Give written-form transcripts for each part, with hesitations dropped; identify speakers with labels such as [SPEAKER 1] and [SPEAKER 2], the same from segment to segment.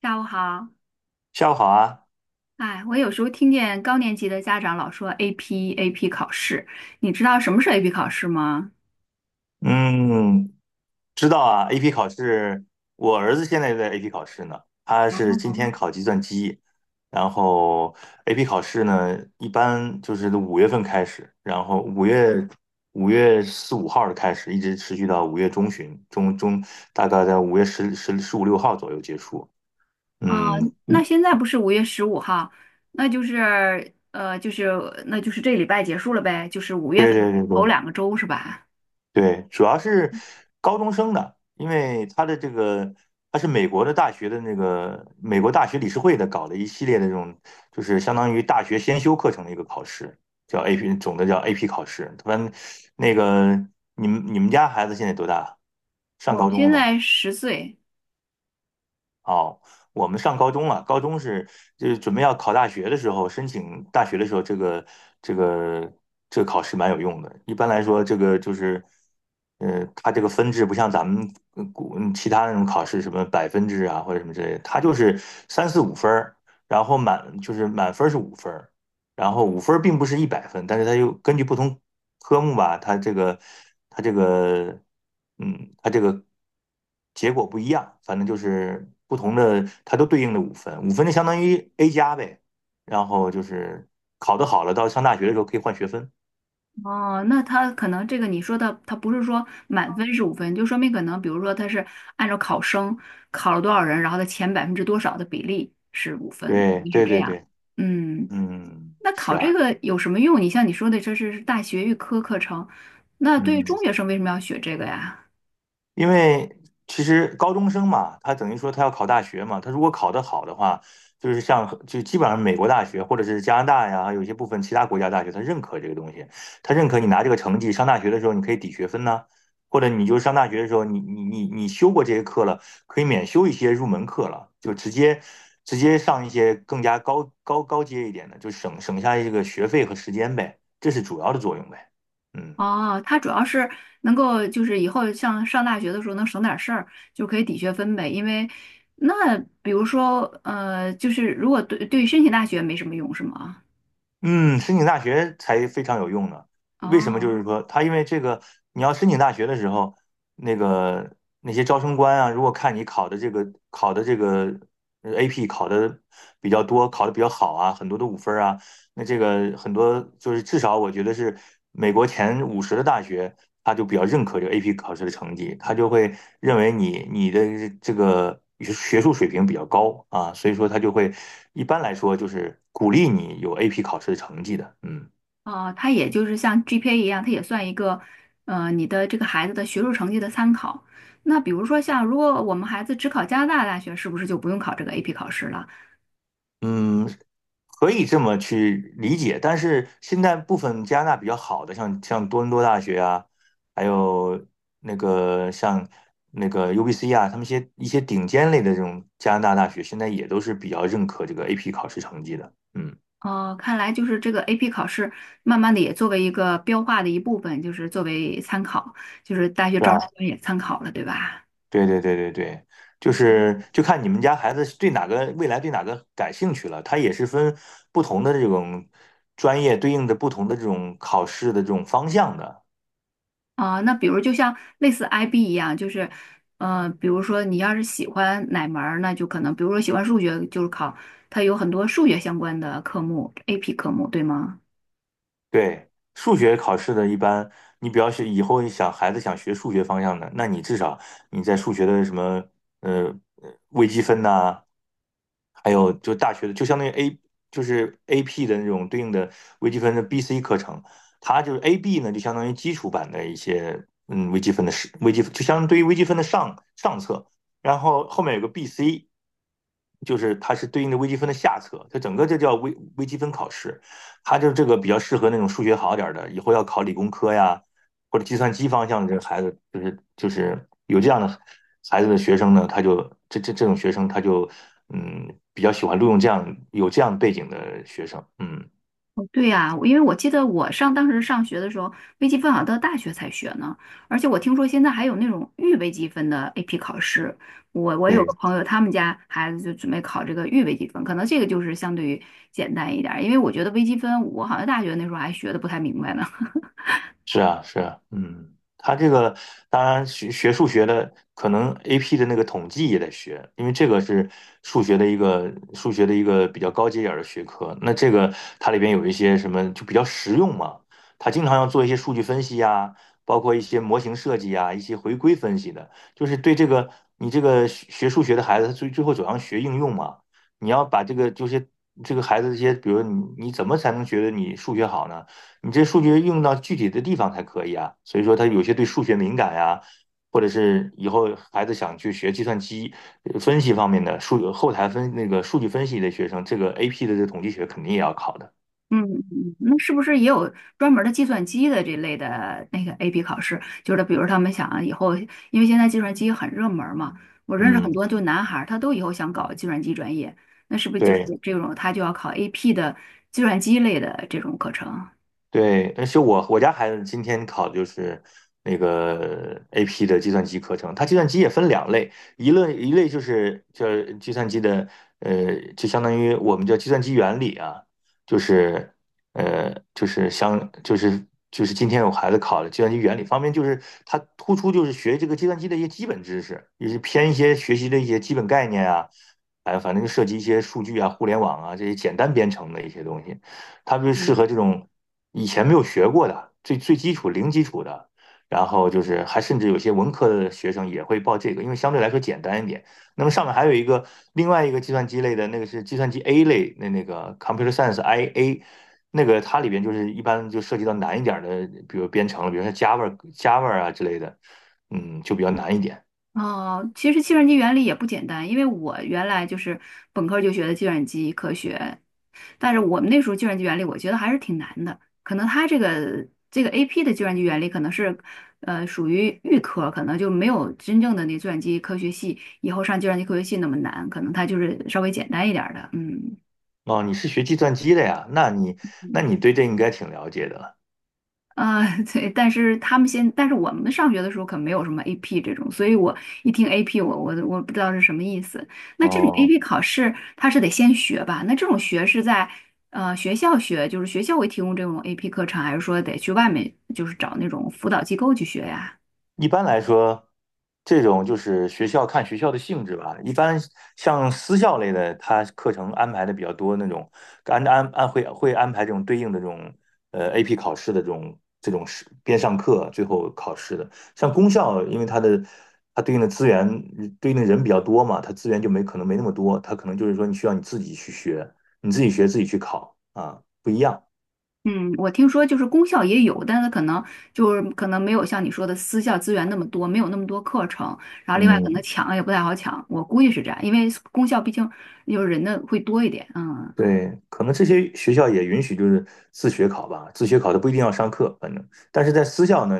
[SPEAKER 1] 下午好，
[SPEAKER 2] 下午好啊。
[SPEAKER 1] 哎，我有时候听见高年级的家长老说 AP 考试，你知道什么是 AP 考试吗？
[SPEAKER 2] 嗯，知道啊，AP 考试，我儿子现在也在 AP 考试呢，他是今天考计算机。然后 AP 考试呢，一般就是5月份开始。然后五月四五号的开始，一直持续到五月中旬，大概在五月十五六号左右结束。
[SPEAKER 1] 啊、
[SPEAKER 2] 嗯。
[SPEAKER 1] 那现在不是5月15号，那就是这礼拜结束了呗，就是五月
[SPEAKER 2] 对对
[SPEAKER 1] 份
[SPEAKER 2] 对
[SPEAKER 1] 头
[SPEAKER 2] 对，
[SPEAKER 1] 两个周是吧？
[SPEAKER 2] 对，主要是高中生的。因为他的这个他是美国的大学的那个美国大学理事会的搞了一系列的这种，就是相当于大学先修课程的一个考试，叫 AP,总的叫 AP 考试。他们那个你们家孩子现在多大？上
[SPEAKER 1] 我
[SPEAKER 2] 高
[SPEAKER 1] 们
[SPEAKER 2] 中了
[SPEAKER 1] 现
[SPEAKER 2] 吗？
[SPEAKER 1] 在10岁。
[SPEAKER 2] 哦，我们上高中了。高中是就是准备要考大学的时候，申请大学的时候，这个这个考试蛮有用的。一般来说，这个就是，它这个分制不像咱们呃古嗯其他那种考试，什么百分制啊或者什么之类的，它就是三四五分儿。然后满就是满分儿是五分儿。然后五分并不是100分，但是它又根据不同科目吧。它这个它这个结果不一样，反正就是不同的，它都对应的五分，五分就相当于 A 加呗。然后就是考得好了，到上大学的时候可以换学分。
[SPEAKER 1] 哦，那他可能这个你说的，他不是说满分是五分，就说明可能比如说他是按照考生考了多少人，然后他前百分之多少的比例是五分，可
[SPEAKER 2] 对
[SPEAKER 1] 能是
[SPEAKER 2] 对
[SPEAKER 1] 这
[SPEAKER 2] 对
[SPEAKER 1] 样，
[SPEAKER 2] 对。
[SPEAKER 1] 嗯。
[SPEAKER 2] 嗯，
[SPEAKER 1] 那
[SPEAKER 2] 是
[SPEAKER 1] 考
[SPEAKER 2] 啊。
[SPEAKER 1] 这个有什么用？你像你说的，这是大学预科课程，那对于
[SPEAKER 2] 嗯。
[SPEAKER 1] 中学生为什么要学这个呀？
[SPEAKER 2] 因为其实高中生嘛，他等于说他要考大学嘛。他如果考得好的话，就是像就基本上美国大学或者是加拿大呀，还有一些部分其他国家大学，他认可这个东西。他认可你拿这个成绩上大学的时候，你可以抵学分呐、或者你就上大学的时候，你修过这些课了，可以免修一些入门课了，就直接上一些更加高阶一点的，就省下这个学费和时间呗，这是主要的作用呗。嗯。
[SPEAKER 1] 哦，它主要是能够就是以后像上大学的时候能省点事儿，就可以抵学分呗。因为那比如说就是如果对于申请大学没什么用是吗？
[SPEAKER 2] 嗯，申请大学才非常有用呢。为什么？就
[SPEAKER 1] 哦
[SPEAKER 2] 是说，他因为这个，你要申请大学的时候，那个那些招生官啊，如果看你考的这个AP 考的比较多，考的比较好啊，很多的五分儿啊，那这个很多就是至少我觉得是美国前50的大学，他就比较认可这个 AP 考试的成绩。他就会认为你的这个学术水平比较高啊，所以说他就会一般来说就是鼓励你有 AP 考试的成绩的。嗯。
[SPEAKER 1] 哦，它也就是像 GPA 一样，它也算一个你的这个孩子的学术成绩的参考。那比如说像如果我们孩子只考加拿大大学，是不是就不用考这个 AP 考试了？
[SPEAKER 2] 嗯，可以这么去理解。但是现在部分加拿大比较好的，像多伦多大学啊，还有那个像那个 UBC 啊，他们一些顶尖类的这种加拿大大学，现在也都是比较认可这个 AP 考试成绩的。嗯，
[SPEAKER 1] 哦，看来就是这个 AP 考试，慢慢的也作为一个标化的一部分，就是作为参考，就是大学
[SPEAKER 2] 对
[SPEAKER 1] 招生
[SPEAKER 2] 吧？
[SPEAKER 1] 官也参考了，对吧？
[SPEAKER 2] 对对对对对。就是就看你们家孩子对哪个未来对哪个感兴趣了，他也是分不同的这种专业对应的不同的这种考试的这种方向的。
[SPEAKER 1] 啊、那比如就像类似 IB 一样，就是，比如说你要是喜欢哪门儿，那就可能，比如说喜欢数学，就是考它有很多数学相关的科目，AP 科目，对吗？
[SPEAKER 2] 对，数学考试的一般，你比较是以后你想孩子想学数学方向的，那你至少你在数学的什么呃微积分呐、还有就大学的，就相当于 A 就是 AP 的那种对应的微积分的 BC 课程。它就是 AB 呢，就相当于基础版的一些微积分的是微积分，就相当于微积分的上上册。然后后面有个 BC,就是它是对应的微积分的下册，它整个这叫微积分考试。他就是这个比较适合那种数学好点的，以后要考理工科呀，或者计算机方向的这个孩子，就是就是有这样的孩子的学生呢，他就这种学生他就嗯比较喜欢录用这样有这样背景的学生。嗯。
[SPEAKER 1] 哦对呀，因为我记得当时上学的时候，微积分好像到大学才学呢，而且我听说现在还有那种预微积分的 AP 考试。我有
[SPEAKER 2] 对，
[SPEAKER 1] 个朋友，他们家孩子就准备考这个预微积分，可能这个就是相对于简单一点儿，因为我觉得微积分我好像大学那时候还学的不太明白呢。
[SPEAKER 2] 是啊，是啊。嗯，他这个当然学数学的，可能 AP 的那个统计也得学。因为这个是数学的一个比较高阶点儿的学科。那这个它里边有一些什么就比较实用嘛，它经常要做一些数据分析呀，包括一些模型设计呀，一些回归分析的，就是对这个你这个学数学的孩子，他最后走向学应用嘛。你要把这个就是这个孩子这些，比如你怎么才能觉得你数学好呢？你这数据用到具体的地方才可以啊。所以说，他有些对数学敏感呀、啊或者是以后孩子想去学计算机分析方面的数后台分那个数据分析的学生，这个 AP 的这统计学肯定也要考的。
[SPEAKER 1] 嗯。那是不是也有专门儿的计算机的这类的那个 AP 考试？就是比如他们想啊以后，因为现在计算机很热门儿嘛，我认识很
[SPEAKER 2] 嗯。
[SPEAKER 1] 多就男孩儿，他都以后想搞计算机专业，那是不是就是
[SPEAKER 2] 对。
[SPEAKER 1] 这种他就要考 AP 的计算机类的这种课程？
[SPEAKER 2] 对，而且我家孩子今天考的就是那个 AP 的计算机课程。它计算机也分两类，一类就是叫计算机的，就相当于我们叫计算机原理啊，就是就是今天我孩子考的计算机原理方面，就是它突出就是学这个计算机的一些基本知识，也是偏一些学习的一些基本概念啊。哎，反正就涉及一些数据啊、互联网啊这些简单编程的一些东西。它就适
[SPEAKER 1] 嗯。
[SPEAKER 2] 合这种以前没有学过的最基础零基础的。然后就是还甚至有些文科的学生也会报这个，因为相对来说简单一点。那么上面还有一个另外一个计算机类的那个是计算机 A 类，那那个 Computer Science IA,那个它里边就是一般就涉及到难一点的，比如编程了比如说 Java 啊之类的。嗯，就比较难一点。
[SPEAKER 1] 哦，其实计算机原理也不简单，因为我原来就是本科儿就学的计算机科学，但是我们那时候计算机原理，我觉得还是挺难的。可能它这个 AP 的计算机原理可能是，属于预科，可能就没有真正的那计算机科学系以后上计算机科学系那么难，可能它就是稍微简单一点儿的。嗯
[SPEAKER 2] 哦，你是学计算机的呀？那你对这应该挺了解的了。
[SPEAKER 1] 啊，对，但是我们上学的时候可没有什么 AP 这种，所以我一听 AP，我不知道是什么意思。那这种
[SPEAKER 2] 哦，
[SPEAKER 1] AP 考试，它是得先学吧？那这种学是在学校学，就是学校会提供这种 AP 课程，还是说得去外面就是找那种辅导机构去学呀？
[SPEAKER 2] 一般来说，这种就是学校看学校的性质吧。一般像私校类的，它课程安排的比较多，那种安安安会会安排这种对应的这种AP 考试的这种是边上课最后考试的。像公校，因为它的它对应的资源对应的人比较多嘛，它资源就没可能没那么多。它可能就是说你需要你自己去学，你自己学自己去考啊，不一样。
[SPEAKER 1] 嗯，我听说就是公校也有，但是可能没有像你说的私校资源那么多，没有那么多课程，然后另外可能
[SPEAKER 2] 嗯，
[SPEAKER 1] 抢也不太好抢，我估计是这样，因为公校毕竟有人的会多一点，嗯。
[SPEAKER 2] 对，可能这些学校也允许就是自学考吧，自学考的不一定要上课，反正，但是在私校呢，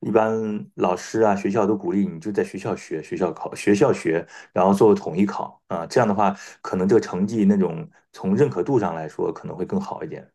[SPEAKER 2] 一般老师啊、学校都鼓励你就在学校学，学校考，学校学，然后做统一考啊，这样的话，可能这个成绩那种从认可度上来说可能会更好一点。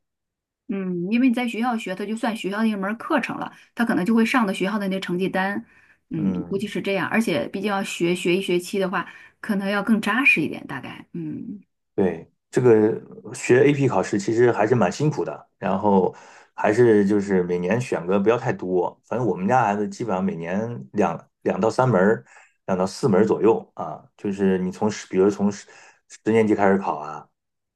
[SPEAKER 1] 嗯，因为你在学校学，它就算学校的一门儿课程了，它可能就会上的学校的那成绩单，嗯，估计
[SPEAKER 2] 嗯。
[SPEAKER 1] 是这样。而且毕竟要学一学期的话，可能要更扎实一点，大概。嗯
[SPEAKER 2] 对，这个学 AP 考试其实还是蛮辛苦的。然后还是就是每年选个不要太多，反正我们家孩子基本上每年两到三门儿，两到四门儿左右啊，就是你从十，比如从十年级开始考啊，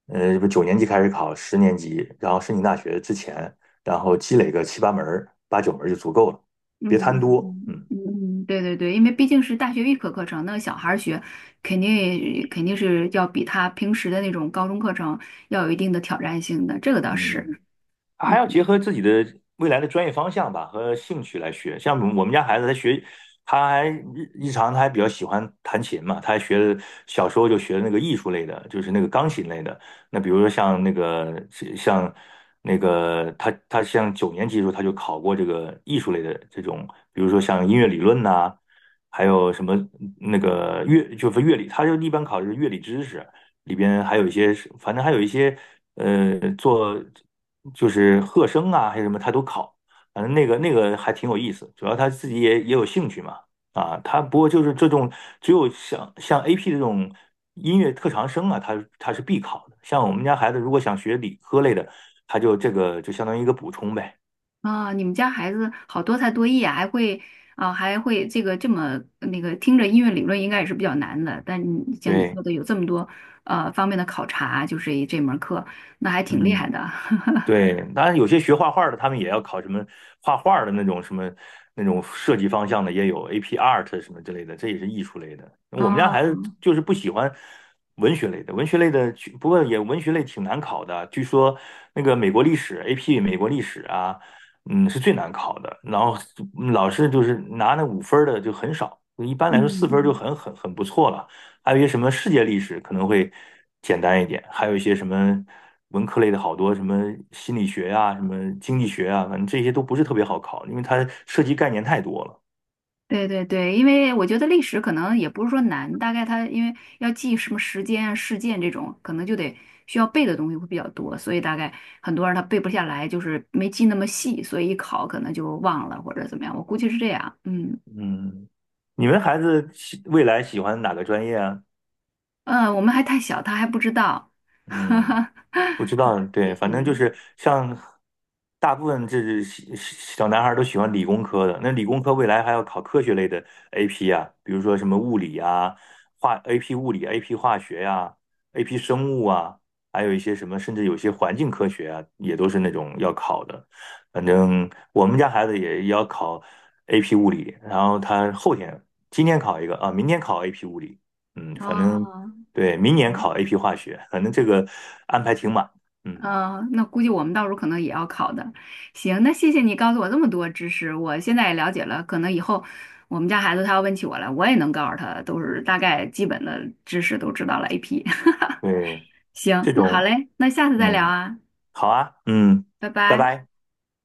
[SPEAKER 2] 不九
[SPEAKER 1] 嗯
[SPEAKER 2] 年级开始考，十年级，然后申请大学之前，然后积累个七八门儿、八九门儿就足够了，
[SPEAKER 1] 嗯
[SPEAKER 2] 别贪多。
[SPEAKER 1] 嗯
[SPEAKER 2] 嗯。
[SPEAKER 1] 嗯，对对对，因为毕竟是大学预科课程，那小孩儿学肯定是要比他平时的那种高中课程要有一定的挑战性的，这个倒
[SPEAKER 2] 嗯，
[SPEAKER 1] 是，
[SPEAKER 2] 还
[SPEAKER 1] 嗯。
[SPEAKER 2] 要结合自己的未来的专业方向吧和兴趣来学。像我们家孩子，他学，他还日常他还比较喜欢弹琴嘛。他还学了小时候就学那个艺术类的，就是那个钢琴类的。那比如说像那个像那个他像九年级的时候他就考过这个艺术类的这种。比如说像音乐理论呐、还有什么那个乐理，他就一般考的是乐理知识。里边还有一些是反正还有一些做就是和声啊，还是什么，他都考。反正那个那个还挺有意思，主要他自己也有兴趣嘛。啊，他不过就是这种只有像 AP 这种音乐特长生啊，他是必考的。像我们家孩子如果想学理科类的，他就这个就相当于一个补充呗。
[SPEAKER 1] 啊，你们家孩子好多才多艺啊，还会这个这么那个，听着音乐理论应该也是比较难的，但你像你
[SPEAKER 2] 对。
[SPEAKER 1] 说的有这么多方面的考察，就是这门课，那还挺厉
[SPEAKER 2] 嗯。
[SPEAKER 1] 害的。
[SPEAKER 2] 对，当然有些学画画的，他们也要考什么画画的那种什么那种设计方向的，也有 AP Art 什么之类的，这也是艺术类的。我们家
[SPEAKER 1] 哦，
[SPEAKER 2] 孩子就是不喜欢文学类的，文学类的去不过也文学类挺难考的。据说那个美国历史 AP 美国历史啊，嗯，是最难考的。然后嗯老师就是拿那五分儿的就很少，一般
[SPEAKER 1] 嗯
[SPEAKER 2] 来说4分儿就
[SPEAKER 1] 嗯，
[SPEAKER 2] 很不错了。还有一些什么世界历史可能会简单一点，还有一些什么文科类的好多什么心理学呀、什么经济学啊，反正这些都不是特别好考，因为它涉及概念太多了。
[SPEAKER 1] 对对对，因为我觉得历史可能也不是说难，大概它因为要记什么时间啊、事件这种，可能就得需要背的东西会比较多，所以大概很多人他背不下来，就是没记那么细，所以一考可能就忘了或者怎么样，我估计是这样，嗯。
[SPEAKER 2] 嗯，你们孩子喜未来喜欢哪个专业啊？
[SPEAKER 1] 我们还太小，他还不知道。哈
[SPEAKER 2] 嗯。
[SPEAKER 1] 哈
[SPEAKER 2] 不知道，对，反正就
[SPEAKER 1] 嗯，
[SPEAKER 2] 是像大部分这是小男孩儿都喜欢理工科的。那理工科未来还要考科学类的 AP 啊，比如说什么物理啊、AP 物理、AP 化学呀、AP 生物啊，还有一些什么，甚至有些环境科学啊，也都是那种要考的。反正我们家孩子也要考 AP 物理。然后他后天今天考一个啊，明天考 AP 物理。嗯，反正。
[SPEAKER 1] 哦，
[SPEAKER 2] 对，明年考
[SPEAKER 1] 嗯
[SPEAKER 2] AP 化学。反正这个安排挺满嗯。
[SPEAKER 1] 嗯，那估计我们到时候可能也要考的。行，那谢谢你告诉我这么多知识，我现在也了解了。可能以后我们家孩子他要问起我来，我也能告诉他，都是大概基本的知识都知道了 AP。
[SPEAKER 2] 对，
[SPEAKER 1] 行，
[SPEAKER 2] 这
[SPEAKER 1] 那好
[SPEAKER 2] 种。
[SPEAKER 1] 嘞，那下次再聊
[SPEAKER 2] 嗯，
[SPEAKER 1] 啊，
[SPEAKER 2] 好啊。嗯，
[SPEAKER 1] 拜
[SPEAKER 2] 拜
[SPEAKER 1] 拜。
[SPEAKER 2] 拜。